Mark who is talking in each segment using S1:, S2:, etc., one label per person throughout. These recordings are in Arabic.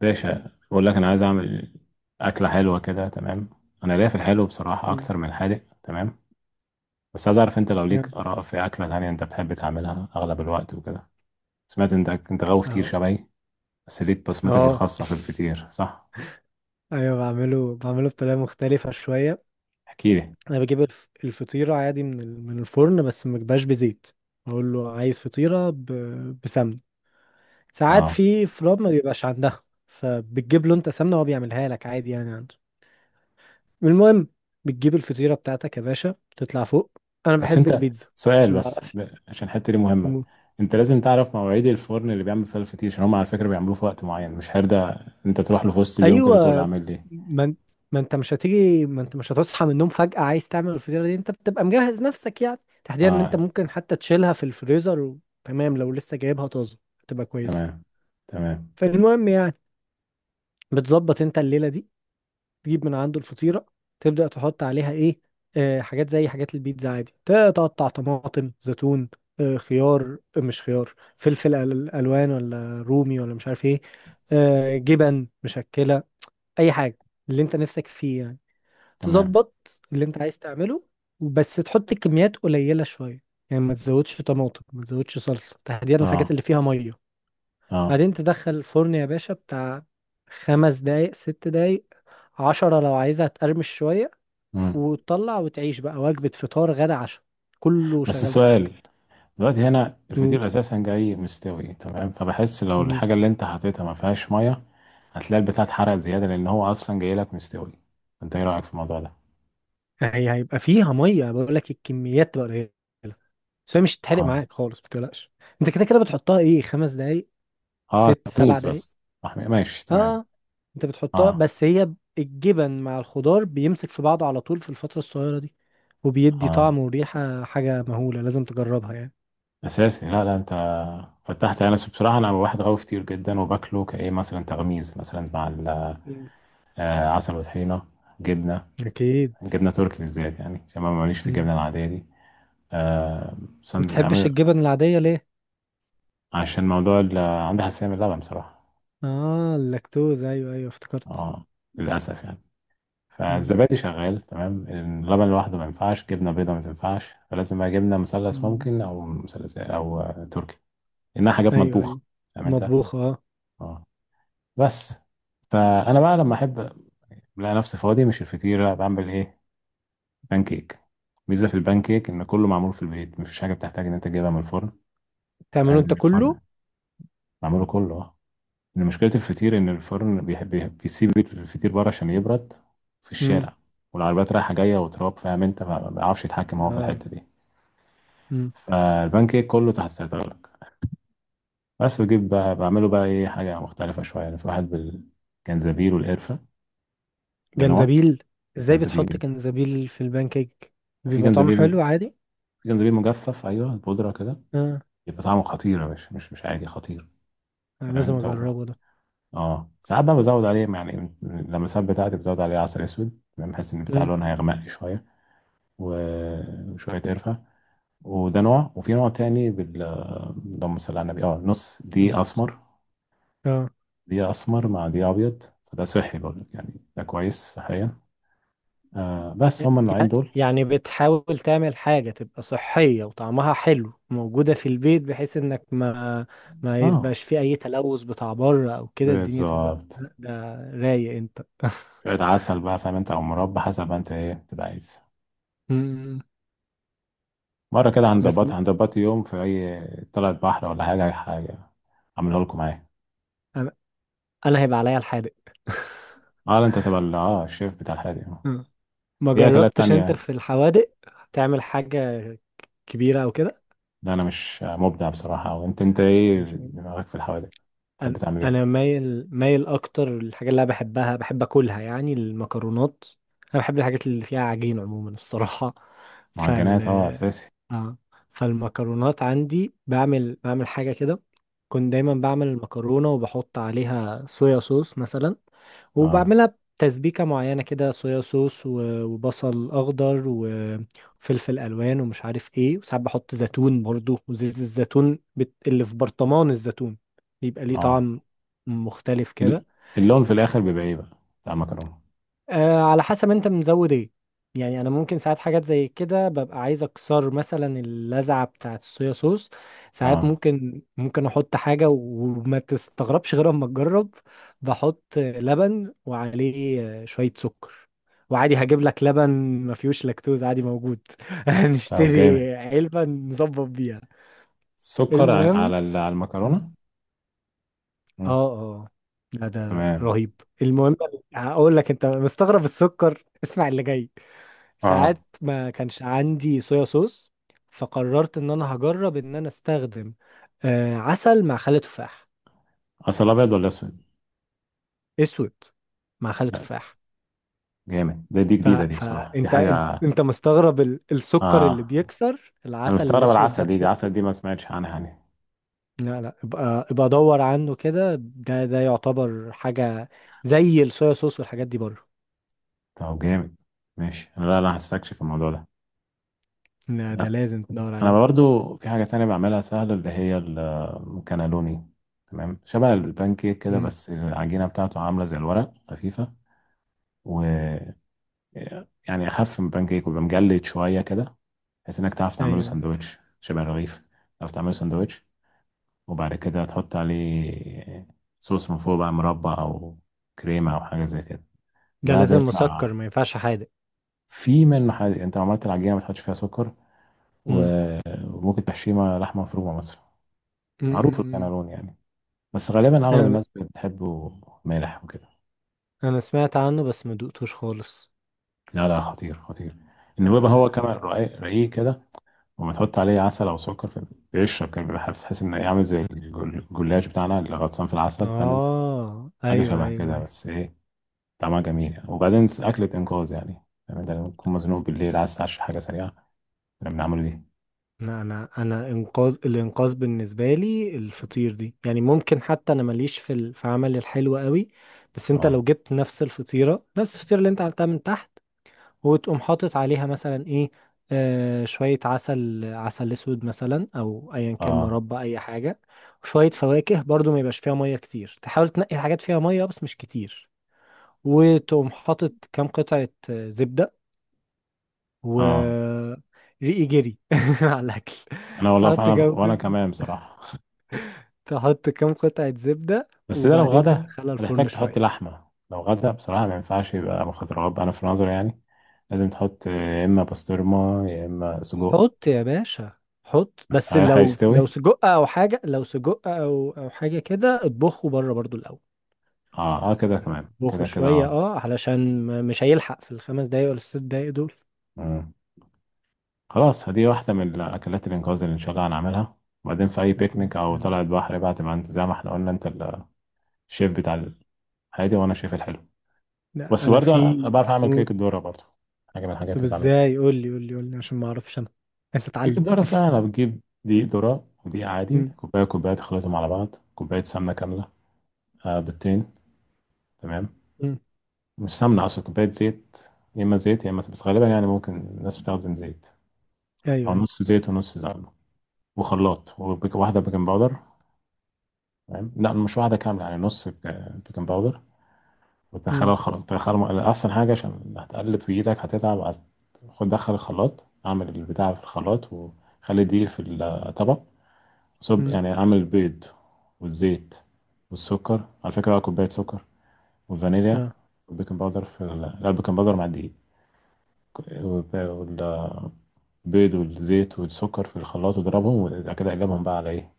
S1: باشا، بقول لك انا عايز اعمل اكله حلوه كده. تمام، انا ليا في الحلو بصراحه
S2: مم.
S1: اكتر من الحادق. تمام، بس عايز اعرف انت لو
S2: نعم.
S1: ليك اراء في اكله تانية انت بتحب تعملها اغلب الوقت وكده. سمعت انت غاوي فطير
S2: اهو.
S1: شبهي، بس ليك بصمتك
S2: اه.
S1: الخاصه في الفطير، صح؟
S2: ايوه، بعمله بطريقه مختلفه شويه.
S1: احكي لي.
S2: انا بجيب الفطيره عادي من الفرن، بس ما بجيبهاش بزيت. اقول له عايز بسمنه. ساعات
S1: اه،
S2: في فروم ما بيبقاش عندها، فبتجيب له انت سمنه وهو بيعملها لك عادي يعني عنده. المهم، بتجيب الفطيره بتاعتك يا باشا، تطلع فوق. انا
S1: بس
S2: بحب
S1: انت
S2: البيتزا
S1: سؤال
S2: بس ما
S1: بس
S2: بعرفش.
S1: عشان الحته دي مهمه. انت لازم تعرف مواعيد الفرن اللي بيعمل فيها الفطير، عشان هم على فكره بيعملوه في وقت معين مش هرده. انت تروح له في وسط اليوم كده تقول له
S2: ايوه،
S1: اعمل لي.
S2: ما انت ما انت مش هتيجي، ما انت مش هتصحى من النوم فجأة عايز تعمل الفطيرة دي، انت بتبقى مجهز نفسك يعني. تحديدا ان انت
S1: اه.
S2: ممكن حتى تشيلها في الفريزر وتمام لو لسه جايبها طازة تبقى كويسة.
S1: تمام. تمام.
S2: فالمهم يعني، بتظبط انت الليلة دي، تجيب من عنده الفطيرة، تبدأ تحط عليها ايه؟ آه، حاجات زي حاجات البيتزا عادي، تقطع طماطم، زيتون، آه خيار. آه، مش خيار، فلفل الوان، ولا رومي، ولا مش عارف ايه. آه جبن مشكلة، اي حاجة اللي انت نفسك فيه يعني.
S1: تمام.
S2: تظبط اللي انت عايز تعمله، بس تحط كميات قليلة شوية. يعني ما تزودش طماطم، ما تزودش صلصة، تحديدا الحاجات
S1: اه.
S2: اللي فيها مية.
S1: اه.
S2: بعدين تدخل الفرن يا باشا بتاع 5 دقايق 6 دقايق 10 لو عايزها تقرمش شوية.
S1: مم.
S2: وتطلع وتعيش بقى وجبة فطار غدا عشاء، كله
S1: بس
S2: شغال
S1: السؤال،
S2: معاك.
S1: دلوقتي هنا
S2: مم.
S1: الفطير اساسا جاي مستوي تمام، فبحس لو
S2: مم.
S1: الحاجه اللي انت حطيتها ما فيهاش ميه هتلاقي البتاع اتحرق زياده لان هو اصلا جاي لك مستوي. انت ايه رايك في الموضوع ده؟
S2: هي هيبقى فيها مية، بقول لك الكميات تبقى قليلة، بس هي مش هتتحرق
S1: اه.
S2: معاك خالص ما تقلقش. انت كده كده بتحطها ايه، خمس دقايق
S1: اه
S2: ست سبع
S1: تميز
S2: دقايق
S1: بس. ماشي، تمام.
S2: اه. انت بتحطها،
S1: اه.
S2: بس هي الجبن مع الخضار بيمسك في بعضه على طول في الفترة الصغيرة دي، وبيدي
S1: اه
S2: طعم وريحة حاجة مهولة، لازم تجربها يعني.
S1: اساسي. لا لا انت فتحت. انا بصراحه انا واحد غاوي فطير جدا، وباكله كايه مثلا تغميز مثلا مع
S2: مم.
S1: آه، عسل وطحينه. جبنه.
S2: أكيد.
S1: جبنه تركي بالذات، يعني عشان ما ماليش في
S2: مم.
S1: الجبنه العاديه دي. آه،
S2: بتحبش الجبن العادية ليه؟
S1: عشان موضوع عندي حساسية من اللبن بصراحة.
S2: آه، اللاكتوز، أيوه أيوه افتكرت.
S1: اه، للأسف يعني.
S2: مم.
S1: فالزبادي شغال تمام، اللبن لوحده ما ينفعش، جبنة بيضة ما تنفعش، فلازم بقى جبنة مثلث
S2: مم.
S1: ممكن، أو مثلث إيه، أو آه، تركي. إنها حاجات
S2: أيوه
S1: مطبوخة،
S2: أيوه.
S1: فاهم أنت.
S2: مطبوخ آه.
S1: اه، بس فأنا بقى لما أحب ألاقي نفسي فاضي مش الفطيرة، بعمل إيه؟ بانكيك. ميزة في البانكيك إن كله معمول في البيت، مفيش حاجة بتحتاج إن أنت تجيبها من الفرن. تمام
S2: تعمله
S1: من
S2: أنت
S1: الفرن.
S2: كله؟
S1: معموله كله، آه. إن مشكلة الفطير إن الفرن بيسيب الفطير بره عشان يبرد في
S2: مم.
S1: الشارع، والعربيات رايحة جاية وتراب، فاهم أنت، فما بيعرفش يتحكم هو في
S2: آه.
S1: الحتة دي.
S2: مم.
S1: فالبان كيك كله تحت سيطرتك. بس بجيب بقى، بعمله بقى إيه، حاجة مختلفة شوية يعني. في واحد بالجنزبيل والقرفة، ده نوع.
S2: جنزبيل؟ إزاي بتحط
S1: جنزبيل.
S2: جنزبيل في البانكيك؟
S1: في
S2: بيبقى طعمه
S1: جنزبيل،
S2: حلو عادي؟
S1: في جنزبيل مجفف، أيوه البودرة كده.
S2: آه.
S1: يبقى طعمه خطير يا باشا، مش عادي، خطير.
S2: أنا
S1: تمام
S2: لازم
S1: أنت هو.
S2: أجربه ده.
S1: اه ساعات بقى بزود عليه يعني، لما الساعات بتاعتي بزود عليه عسل اسود، تمام، بحيث ان بتاع
S2: مم.
S1: لون هيغمق شويه. وشوية قرفة. وده نوع. وفي نوع تاني بال، اللهم صل على النبي، اه نص دي
S2: بس.
S1: أسمر.
S2: آه.
S1: دي أسمر مع دي أبيض، فده صحي برضه يعني، ده كويس صحيا. آه، بس
S2: ي-
S1: هما النوعين دول.
S2: يعني بتحاول تعمل حاجة تبقى صحية وطعمها حلو، موجودة في البيت، بحيث انك ما
S1: اه،
S2: يبقاش في اي تلوث بتاع بره او كده الدنيا تبقى.
S1: بالظبط.
S2: ده، رايق انت
S1: شوية عسل بقى، فاهم انت، أو مربى، حسب ما انت ايه تبقى عايز.
S2: مم.
S1: مرة كده
S2: بس.
S1: هنظبطها، هنظبط يوم في أي طلعة بحر ولا حاجة، أي حاجة أعملها لكم معايا.
S2: انا، انا هيبقى عليا الحادق.
S1: اه لا، انت تبقى اه الشيف بتاع الحاجة، اه.
S2: مم. ما
S1: في أكلات
S2: جربتش انت
S1: تانية؟
S2: في الحوادق تعمل حاجة كبيرة او كده؟
S1: لا انا مش مبدع بصراحه، او انت ايه
S2: مش عارف.
S1: دماغك في الحوادق؟ تحب
S2: أنا
S1: تعمل
S2: أنا
S1: ايه؟
S2: مايل مايل أكتر للحاجات اللي أنا بحبها بحب أكلها، يعني المكرونات. أنا بحب الحاجات اللي فيها عجين عموما الصراحة.
S1: معجنات اه، اساسي.
S2: اه. فالمكرونات عندي، بعمل حاجة كده. كنت دايما بعمل المكرونة وبحط عليها صويا صوص مثلا،
S1: اه.
S2: وبعملها بتسبيكة معينة كده، صويا صوص وبصل أخضر وفلفل ألوان ومش عارف ايه. وساعات بحط زيتون برضو وزيت الزيتون اللي في برطمان الزيتون، بيبقى ليه
S1: اه.
S2: طعم مختلف
S1: ال-
S2: كده.
S1: اللون في الاخر بيبقى ايه بقى، بتاع المكرونه؟
S2: آه على حسب انت مزود ايه. يعني انا ممكن ساعات حاجات زي كده ببقى عايز اكسر مثلا اللذعه بتاعه الصويا صوص. ساعات
S1: اه.
S2: ممكن، احط حاجه وما تستغربش غير اما تجرب. بحط لبن وعليه آه، شويه سكر. وعادي هجيب لك لبن ما فيهوش لاكتوز عادي موجود.
S1: طب جامد،
S2: نشتري علبه نظبط بيها.
S1: سكر
S2: المهم.
S1: على على المكرونه؟ مم.
S2: اه اه، لا ده
S1: تمام.
S2: رهيب. المهم، هقول لك انت مستغرب السكر؟ اسمع اللي جاي.
S1: اه،
S2: ساعات ما كانش عندي صويا صوص، فقررت ان انا هجرب ان انا استخدم آه، عسل مع خل تفاح.
S1: اصل ابيض ولا اسود؟
S2: اسود مع خل
S1: لا،
S2: تفاح.
S1: جامد ده، دي جديده دي بصراحه، دي
S2: فانت انت
S1: حاجه.
S2: انت مستغرب السكر
S1: اه،
S2: اللي بيكسر
S1: انا
S2: العسل
S1: مستغرب
S2: الاسود ده
S1: العسل، دي عسل
S2: تحطه.
S1: دي ما سمعتش عنها يعني.
S2: لا لا، ابقى ابقى دور عنه كده، ده يعتبر حاجة زي الصويا صوص والحاجات دي بره.
S1: طب جامد، ماشي، لا لا هستكشف الموضوع ده.
S2: لا ده لازم تدور
S1: انا
S2: عليه.
S1: برضو في حاجه تانية بعملها سهله، اللي هي الكانالوني. تمام، شبه البانكيك كده،
S2: امم.
S1: بس العجينه بتاعته عامله زي الورق خفيفه. و، يعني اخف من البانكيك، ويبقى مجلد شويه كده، بحيث انك تعرف تعمله
S2: ايوه
S1: سندوتش شبه الرغيف. تعرف تعمله سندوتش، وبعد كده تحط عليه صوص من فوق، بقى مربى او كريمه او حاجه زي كده.
S2: ده
S1: ده
S2: لازم
S1: بيطلع
S2: مسكر ما ينفعش حادق.
S1: في من محل. انت لو عملت العجينه ما تحطش فيها سكر، وممكن تحشيها لحمه مفرومه مثلا. معروف
S2: امم.
S1: الكانالون يعني، بس غالبا اغلب الناس بتحبه مالح وكده.
S2: انا سمعت عنه بس ما دقتوش خالص.
S1: لا لا، خطير خطير. ان هو بقى، هو
S2: أنا-.
S1: كمان رقيق رقيق كده، وما تحط عليه عسل او سكر فبيشرب كده، بيبقى حاسس، تحس ان إيه، عامل زي الجلاش بتاعنا اللي غطسان في العسل، فاهم انت.
S2: اه
S1: حاجه
S2: ايوه
S1: شبه
S2: ايوه
S1: كده،
S2: ايوه.
S1: بس ايه، طعمها جميل يعني. وبعدين اكله انقاذ يعني، فاهم انت، لما تكون مزنوق بالليل عايز تعشي حاجه سريعه، احنا بنعمله دي.
S2: انا انقاذ الانقاذ بالنسبه لي الفطير دي، يعني ممكن حتى انا ماليش في في عمل الحلو قوي. بس انت
S1: اه.
S2: لو جبت نفس الفطيره نفس الفطيره اللي انت عملتها من تحت، وتقوم حاطط عليها مثلا ايه، آه شويه عسل، عسل اسود مثلا او ايا كان
S1: اه.
S2: مربى اي حاجه. وشويه فواكه برضو، ما يبقاش فيها ميه كتير، تحاول تنقي حاجات فيها ميه بس مش كتير. وتقوم حاطط كام قطعة آه، زبدة.
S1: اه.
S2: و ريقي جري على الأكل.
S1: انا والله،
S2: تحط
S1: فانا
S2: كام
S1: وانا
S2: قطعة،
S1: كمان بصراحه.
S2: تحط كام قطعة زبدة،
S1: بس ده لو
S2: وبعدين
S1: غدا
S2: تدخلها
S1: هتحتاج
S2: الفرن
S1: تحط
S2: شوية.
S1: لحمه. لو غدا بصراحه ما ينفعش يبقى مخدرات، انا في نظري يعني. لازم تحط يا اما بسطرمه يا اما سجق.
S2: حط يا باشا، حط.
S1: بس
S2: بس
S1: هل
S2: لو
S1: هيستوي؟
S2: لو سجق أو حاجة، لو سجق أو أو حاجة كده اطبخه بره برضو الأول.
S1: اه اه، كده
S2: يعني
S1: كمان
S2: اطبخه
S1: كده كده،
S2: شوية
S1: اه.
S2: اه، علشان مش هيلحق في ال5 دقايق ولا ال6 دقايق دول.
S1: مم. خلاص، هدي واحده من الاكلات الانقاذ اللي ان شاء الله هنعملها. وبعدين في اي
S2: لازم
S1: بيكنيك او
S2: لازم.
S1: طلعه بحر بقى، تبقى انت زي ما احنا قلنا انت الشيف بتاع الهادي، وانا الشيف الحلو.
S2: لا
S1: بس
S2: أنا
S1: برضه أنا
S2: في.
S1: بعرف اعمل
S2: قول.
S1: كيك الذره برضه، حاجه من الحاجات
S2: طب
S1: اللي بعملها.
S2: ازاي، قول لي قول لي قول لي عشان ما أعرفش أنا، عايز
S1: كيك
S2: أتعلم.
S1: الذره سهله. بتجيب دقيق ذره ودقيق عادي، كوبايه كوبايه، تخلطهم على بعض. كوبايه سمنه كامله، آه، بيضتين. تمام.
S2: مم.
S1: مش سمنة أصلا، كوباية زيت. يا إما زيت يا إما، بس غالبا يعني ممكن الناس بتستخدم زيت.
S2: ايوه
S1: أو
S2: ايوه.
S1: نص زيت ونص سمنة. وخلاط، واحدة بيكنج باودر. تمام، لا مش واحدة كاملة يعني، نص بيكنج باودر. وتدخلها
S2: مم.
S1: الخلاط، تدخلها أحسن حاجة، عشان هتقلب في إيدك هتتعب خد دخل الخلاط، أعمل البتاع في الخلاط، وخلي دي في الطبق. صب
S2: مم.
S1: يعني، أعمل البيض والزيت والسكر على فكرة بقى، كوباية سكر، والفانيليا،
S2: اه
S1: والبيكنج باودر في لا البيكنج باودر مع الدقيق، وال- بيض والزيت والسكر في الخلاط، واضربهم. وبعد كده اقلبهم بقى على ايه؟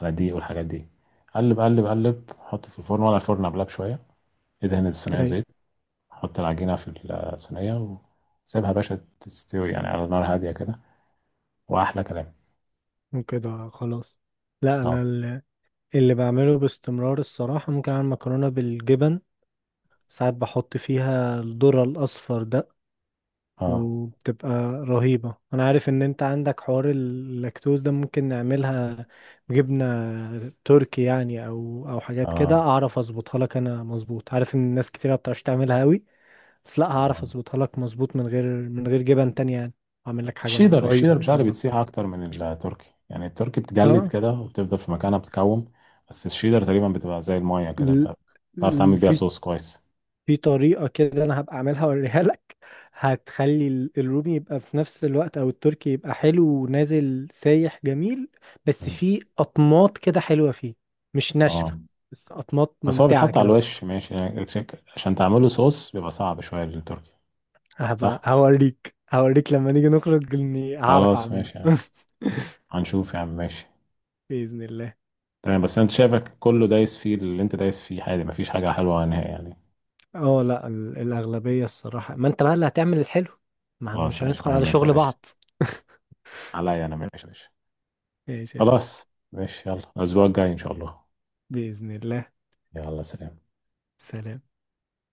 S1: على الدقيق والحاجات دي. قلب قلب قلب، حط في الفرن، ولا الفرن قبلها بشويه ادهن الصينيه
S2: ايوه.
S1: زيت. حط العجينه في الصينيه، وسيبها يا باشا تستوي يعني على نار هاديه كده، واحلى كلام.
S2: وكده خلاص. لا
S1: اه.
S2: انا اللي بعمله باستمرار الصراحه ممكن اعمل مكرونه بالجبن. ساعات بحط فيها الذره الاصفر ده،
S1: اه.
S2: وبتبقى رهيبه. انا عارف ان انت عندك حوار اللاكتوز ده، ممكن نعملها بجبنه تركي يعني او او حاجات كده،
S1: اه.
S2: اعرف اظبطها لك انا مظبوط. عارف ان الناس كتير ما بتعرفش تعملها قوي، بس لا هعرف
S1: اه.
S2: اظبطها لك مظبوط من غير من غير جبن تانية يعني. اعمل لك حاجه
S1: الشيدر،
S2: رهيبه
S1: الشيدر
S2: ان شاء
S1: بتاعي
S2: الله.
S1: بتسيح اكتر من التركي، يعني التركي بتجلد
S2: اه
S1: كده وبتفضل في مكانها بتكوم، بس الشيدر تقريبا بتبقى زي المايه كده،
S2: ال-
S1: فتعرف تعمل
S2: ال-
S1: بيها
S2: في
S1: صوص كويس.
S2: في طريقة كده، انا هبقى اعملها اوريها لك. هتخلي الرومي يبقى في نفس الوقت او التركي يبقى حلو ونازل سايح جميل. بس
S1: مم.
S2: في اطماط كده حلوة فيه، مش ناشفة،
S1: اه،
S2: بس اطماط
S1: بس هو
S2: ممتعة
S1: بيتحط على
S2: كده.
S1: الوش ماشي يعني عشان تعمله صوص بيبقى صعب شوية للتركي.
S2: هبقى
S1: صح؟
S2: هوريك هوريك لما نيجي نخرج اني هعرف
S1: خلاص
S2: اعمله.
S1: ماشي يعني. هنشوف يا عم، ماشي.
S2: بإذن الله.
S1: تمام، بس انت شايفك كله دايس فيه، اللي انت دايس فيه عادي، مفيش حاجة حلوة نهائي يعني.
S2: اه لا الأغلبية الصراحة، ما انت بقى اللي هتعمل الحلو، ما
S1: خلاص
S2: مش
S1: ماشي،
S2: هندخل على
S1: مهمتها يا
S2: شغل
S1: باشا
S2: بعض.
S1: عليا انا، ماشي يا باشا.
S2: ماشي يا باشا.
S1: خلاص ماشي، يلا الأسبوع الجاي إن شاء الله.
S2: بإذن الله.
S1: يلا، سلام.
S2: سلام.